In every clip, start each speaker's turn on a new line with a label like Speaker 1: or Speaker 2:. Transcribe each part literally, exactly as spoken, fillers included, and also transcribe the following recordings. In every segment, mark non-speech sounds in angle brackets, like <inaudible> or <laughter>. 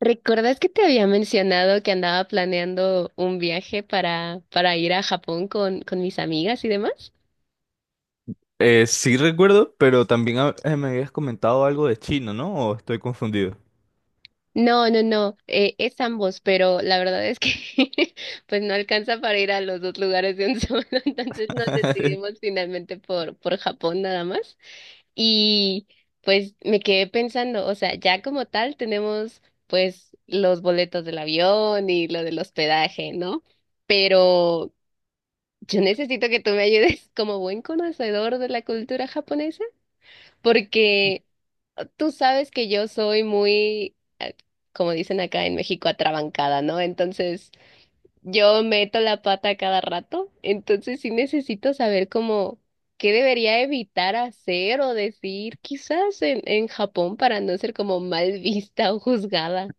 Speaker 1: ¿Recuerdas que te había mencionado que andaba planeando un viaje para, para ir a Japón con, con mis amigas y demás?
Speaker 2: Eh, sí recuerdo, pero también ha- eh, me habías comentado algo de chino, ¿no? ¿O estoy confundido?
Speaker 1: No, no, no, eh, es ambos, pero la verdad es que <laughs> pues no alcanza para ir a los dos lugares de un solo, <laughs> entonces nos
Speaker 2: <laughs>
Speaker 1: decidimos finalmente por, por Japón nada más. Y pues me quedé pensando, o sea, ya como tal tenemos pues los boletos del avión y lo del hospedaje, ¿no? Pero yo necesito que tú me ayudes <laughs> como buen conocedor de la cultura japonesa, porque tú sabes que yo soy muy, eh, como dicen acá en México, atrabancada, ¿no? Entonces, yo meto la pata cada rato, entonces sí necesito saber cómo qué debería evitar hacer o decir quizás en, en Japón para no ser como mal vista o juzgada.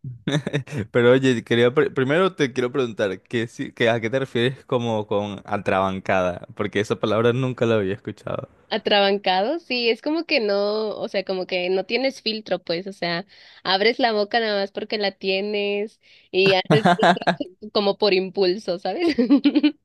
Speaker 2: Pero oye, quería pre- primero te quiero preguntar, ¿qué, si- qué- ¿a qué te refieres como con atrabancada? Porque esa palabra nunca la había escuchado.
Speaker 1: Atrabancado, sí, es como que no, o sea, como que no tienes filtro, pues, o sea, abres la boca nada más porque la tienes y haces
Speaker 2: <laughs>
Speaker 1: <laughs> como por impulso, ¿sabes? <laughs>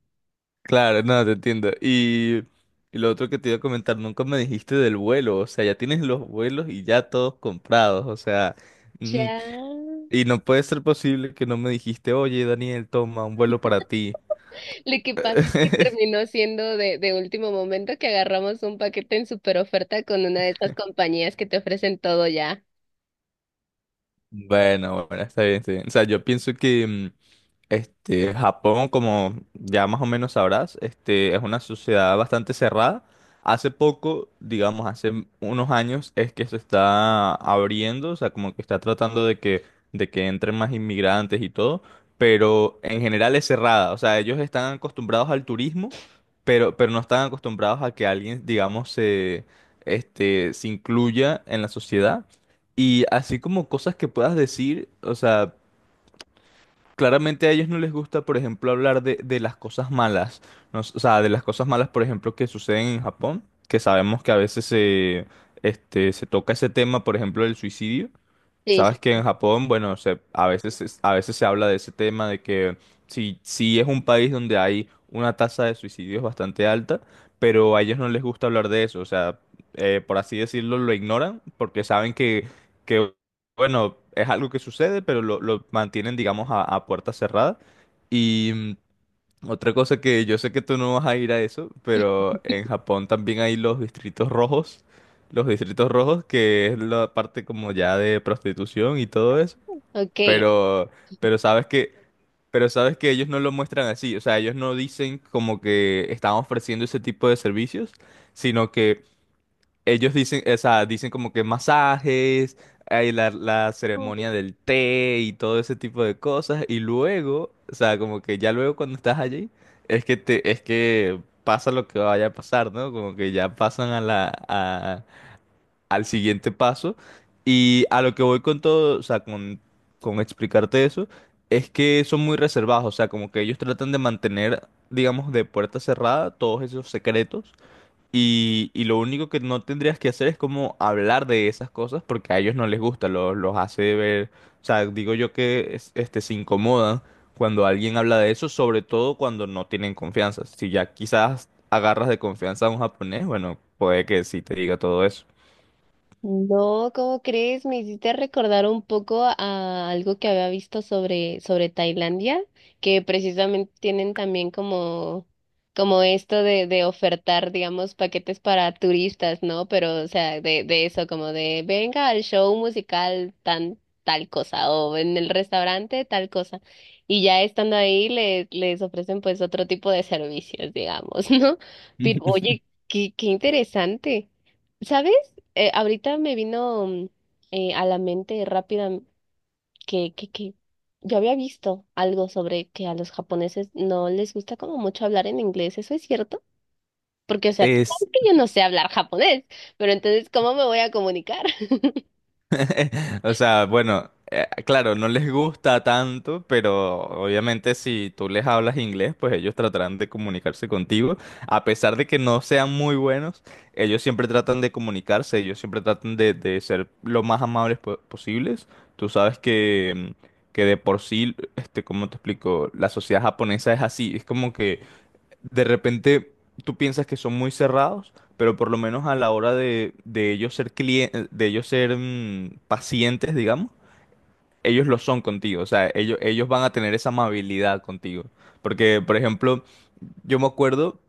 Speaker 2: Claro, no, te entiendo. Y, y lo otro que te iba a comentar, nunca me dijiste del vuelo, o sea, ya tienes los vuelos y ya todos comprados, o sea, mm,
Speaker 1: Ya.
Speaker 2: y no puede ser posible que no me dijiste, oye, Daniel, toma un vuelo para ti.
Speaker 1: Lo que pasa es que
Speaker 2: <laughs>
Speaker 1: terminó siendo de, de último momento que agarramos un paquete en super oferta con una de estas compañías que te ofrecen todo ya.
Speaker 2: Bueno, bueno, está bien, está bien. O sea, yo pienso que mm, este, Japón, como ya más o menos sabrás, este, es una sociedad bastante cerrada. Hace poco, digamos, hace unos años, es que se está abriendo, o sea, como que está tratando de que, de que entren más inmigrantes y todo, pero en general es cerrada. O sea, ellos están acostumbrados al turismo, pero, pero no están acostumbrados a que alguien, digamos, se, este, se incluya en la sociedad y así como cosas que puedas decir, o sea, claramente a ellos no les gusta, por ejemplo, hablar de, de las cosas malas, ¿no? O sea, de las cosas malas, por ejemplo, que suceden en Japón, que sabemos que a veces se, este, se toca ese tema, por ejemplo, del suicidio.
Speaker 1: Sí, sí.
Speaker 2: Sabes que en Japón, bueno, se, a veces, es- a veces se habla de ese tema de que sí, sí es un país donde hay una tasa de suicidios bastante alta, pero a ellos no les gusta hablar de eso, o sea, eh, por así decirlo, lo ignoran porque saben que, que bueno, es algo que sucede, pero lo, lo mantienen, digamos, a, a puerta cerrada. Y mm, otra cosa que yo sé que tú no vas a ir a eso, pero en Japón también hay los distritos rojos, los distritos rojos, que es la parte como ya de prostitución y todo eso.
Speaker 1: Ok.
Speaker 2: Pero, pero sabes que, pero sabes que ellos no lo muestran así, o sea, ellos no dicen como que están ofreciendo ese tipo de servicios, sino que ellos dicen, o sea, dicen como que masajes, hay la, la ceremonia del té y todo ese tipo de cosas. Y luego, o sea, como que ya luego cuando estás allí, es que te, es que pasa lo que vaya a pasar, ¿no? Como que ya pasan a la, a- al siguiente paso. Y a lo que voy con todo, o sea, con, con explicarte eso, es que son muy reservados, o sea, como que ellos tratan de mantener, digamos, de puerta cerrada todos esos secretos y, y lo único que no tendrías que hacer es como hablar de esas cosas porque a ellos no les gusta, lo- los hace ver, o sea, digo yo que es- este, se incomodan cuando alguien habla de eso, sobre todo cuando no tienen confianza. Si ya quizás agarras de confianza a un japonés, bueno, puede que sí te diga todo eso.
Speaker 1: No, ¿cómo crees? Me hiciste recordar un poco a algo que había visto sobre, sobre Tailandia, que precisamente tienen también como, como esto de, de ofertar, digamos, paquetes para turistas, ¿no? Pero, o sea, de, de eso, como de venga al show musical tan tal cosa, o en el restaurante tal cosa. Y ya estando ahí les, les ofrecen pues otro tipo de servicios, digamos, <laughs> ¿no? Pero oye,
Speaker 2: <laughs>
Speaker 1: qué, qué interesante. ¿Sabes? Eh, ahorita me vino mm, eh, a la mente rápida que, que, que yo había visto algo sobre que a los japoneses no les gusta como mucho hablar en inglés. ¿Eso es cierto? Porque, o sea, tú
Speaker 2: Es,
Speaker 1: sabes que <laughs> yo no sé hablar japonés, pero entonces, ¿cómo me voy a comunicar?
Speaker 2: <laughs> O sea, bueno, eh, claro, no les gusta tanto, pero obviamente si tú les hablas inglés, pues ellos tratarán de comunicarse contigo. A pesar de que no sean muy buenos, ellos siempre tratan de comunicarse, ellos siempre tratan de, de ser lo más amables po- posibles Tú sabes que, mm, que de por sí, este, ¿cómo te explico? La sociedad japonesa es así, es como que de repente tú piensas que son muy cerrados, pero por lo menos a la hora de, de ellos ser clien- de ellos ser mm, pacientes, digamos, ellos lo son contigo, o sea, ellos, ellos van a tener esa amabilidad contigo. Porque, por ejemplo, yo me acuerdo,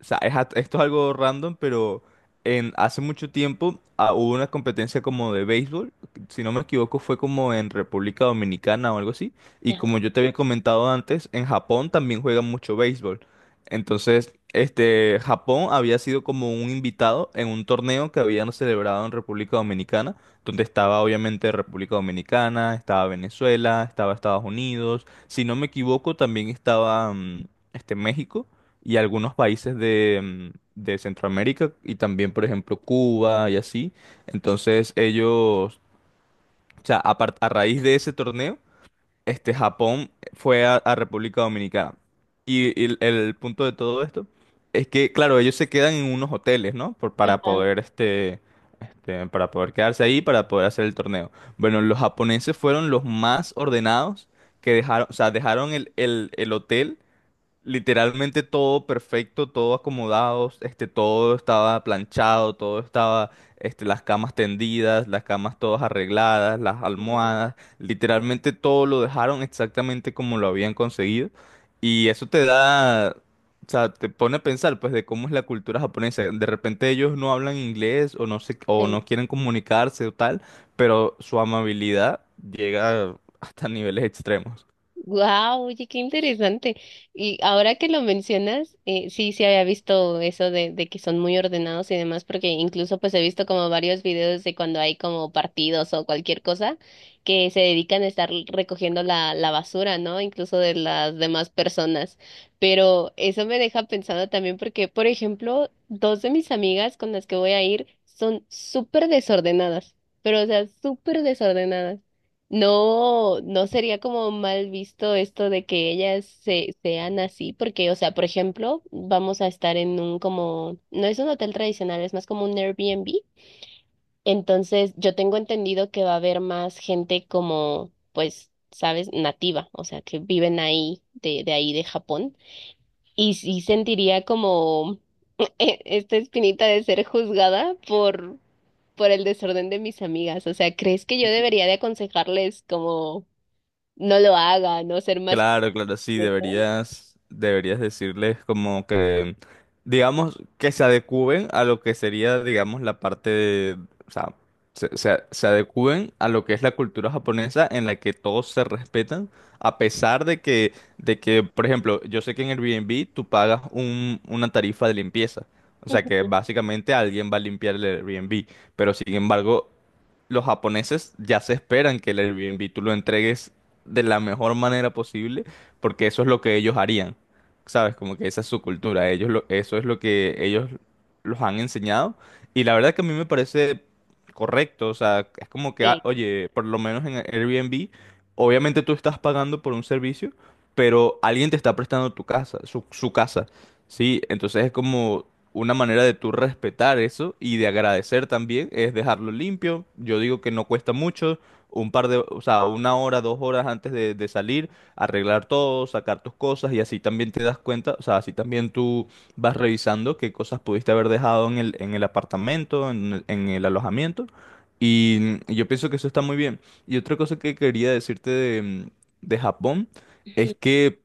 Speaker 2: o sea, es a- esto es algo random, pero en, hace mucho tiempo ah, hubo una competencia como de béisbol, si no me equivoco fue como en República Dominicana o algo así, y como
Speaker 1: <laughs>
Speaker 2: yo te había comentado antes, en Japón también juegan mucho béisbol. Entonces, este, Japón había sido como un invitado en un torneo que habían celebrado en República Dominicana donde estaba obviamente República Dominicana, estaba Venezuela, estaba Estados Unidos, si no me equivoco también estaba mm, este México y algunos países de, mm, de Centroamérica y también por ejemplo Cuba y así. Entonces ellos, o sea, apar- a raíz de ese torneo este, Japón fue a, a República Dominicana. Y, y el, el punto de todo esto es que, claro, ellos se quedan en unos hoteles, ¿no? Por- para
Speaker 1: Ajá.
Speaker 2: poder, este, este, para poder quedarse ahí, para poder hacer el torneo. Bueno, los japoneses fueron los más ordenados que dejaron, o sea, dejaron el, el, el hotel literalmente todo perfecto, todo acomodado, este, todo estaba planchado, todo estaba, este, las camas tendidas, las camas todas arregladas, las almohadas, literalmente todo lo dejaron exactamente como lo habían conseguido. Y eso te da, o sea, te pone a pensar, pues, de cómo es la cultura japonesa. De repente ellos no hablan inglés o no sé, o
Speaker 1: Ajá.
Speaker 2: no quieren comunicarse o tal, pero su amabilidad llega hasta niveles extremos.
Speaker 1: Wow, oye, qué interesante. Y ahora que lo mencionas, eh, sí, sí había visto eso de, de que son muy ordenados y demás, porque incluso pues he visto como varios videos de cuando hay como partidos o cualquier cosa que se dedican a estar recogiendo la, la basura, ¿no? Incluso de las demás personas. Pero eso me deja pensando también porque, por ejemplo, dos de mis amigas con las que voy a ir son súper desordenadas, pero o sea, súper desordenadas. No, no sería como mal visto esto de que ellas se, sean así, porque, o sea, por ejemplo, vamos a estar en un como, no es un hotel tradicional, es más como un Airbnb. Entonces, yo tengo entendido que va a haber más gente como, pues, sabes, nativa, o sea, que viven ahí, de, de ahí de Japón. Y sí sentiría como <laughs> eh, esta espinita de ser juzgada por, por el desorden de mis amigas. O sea, ¿crees que yo debería de aconsejarles como no lo haga, no ser más.
Speaker 2: Claro, claro, sí,
Speaker 1: Ujú,
Speaker 2: deberías, deberías decirles como que, digamos, que se adecúen a lo que sería, digamos, la parte de, o sea, se, se, se adecúen a lo que es la cultura japonesa en la que todos se respetan, a pesar de que, de que, por ejemplo, yo sé que en Airbnb tú pagas un, una tarifa de limpieza, o sea que básicamente alguien va a limpiar el Airbnb, pero sin embargo los japoneses ya se esperan que el Airbnb tú lo entregues de la mejor manera posible, porque eso es lo que ellos harían, ¿sabes? Como que esa es su cultura, ellos lo- eso es lo que ellos los han enseñado, y la verdad que a mí me parece correcto, o sea, es como que, ah,
Speaker 1: sí,
Speaker 2: oye, por lo menos en Airbnb, obviamente tú estás pagando por un servicio, pero alguien te está prestando tu casa, su, su casa, ¿sí? Entonces es como... Una manera de tú respetar eso y de agradecer también es dejarlo limpio. Yo digo que no cuesta mucho, un par de, o sea, una hora, dos horas antes de, de salir, arreglar todo, sacar tus cosas y así también te das cuenta, o sea, así también tú vas revisando qué cosas pudiste haber dejado en el, en el apartamento, en, en el alojamiento. Y mm, yo pienso que eso está muy bien. Y otra cosa que quería decirte de, mm, de Japón es
Speaker 1: ujú,
Speaker 2: que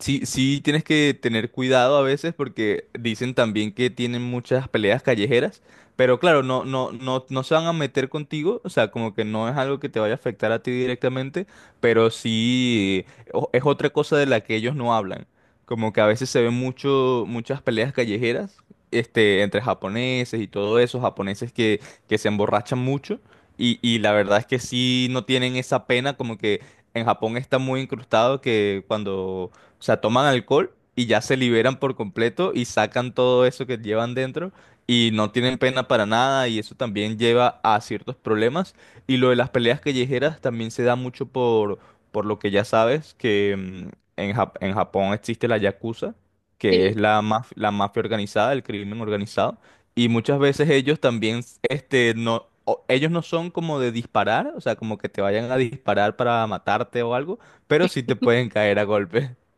Speaker 2: sí, sí, tienes que tener cuidado a veces porque dicen también que tienen muchas peleas callejeras, pero claro, no, no, no, no se van a meter contigo, o sea, como que no es algo que te vaya a afectar a ti directamente, pero sí o- es otra cosa de la que ellos no hablan, como que a veces se ven mucho, muchas peleas callejeras, este, entre japoneses y todo eso, japoneses que, que se emborrachan mucho y, y la verdad es que sí no tienen esa pena como que... En Japón está muy incrustado que cuando o sea, toman alcohol y ya se liberan por completo y sacan todo eso que llevan dentro y no tienen pena para nada y eso también lleva a ciertos problemas. Y lo de las peleas callejeras también se da mucho por, por lo que ya sabes, que mm, en Jap- en Japón existe la yakuza, que es
Speaker 1: sí.
Speaker 2: la maf- la mafia organizada, el crimen organizado. Y muchas veces ellos también, este, no, o- ellos no son como de disparar, o sea, como que te vayan a disparar para matarte o algo, pero sí te pueden caer a golpes.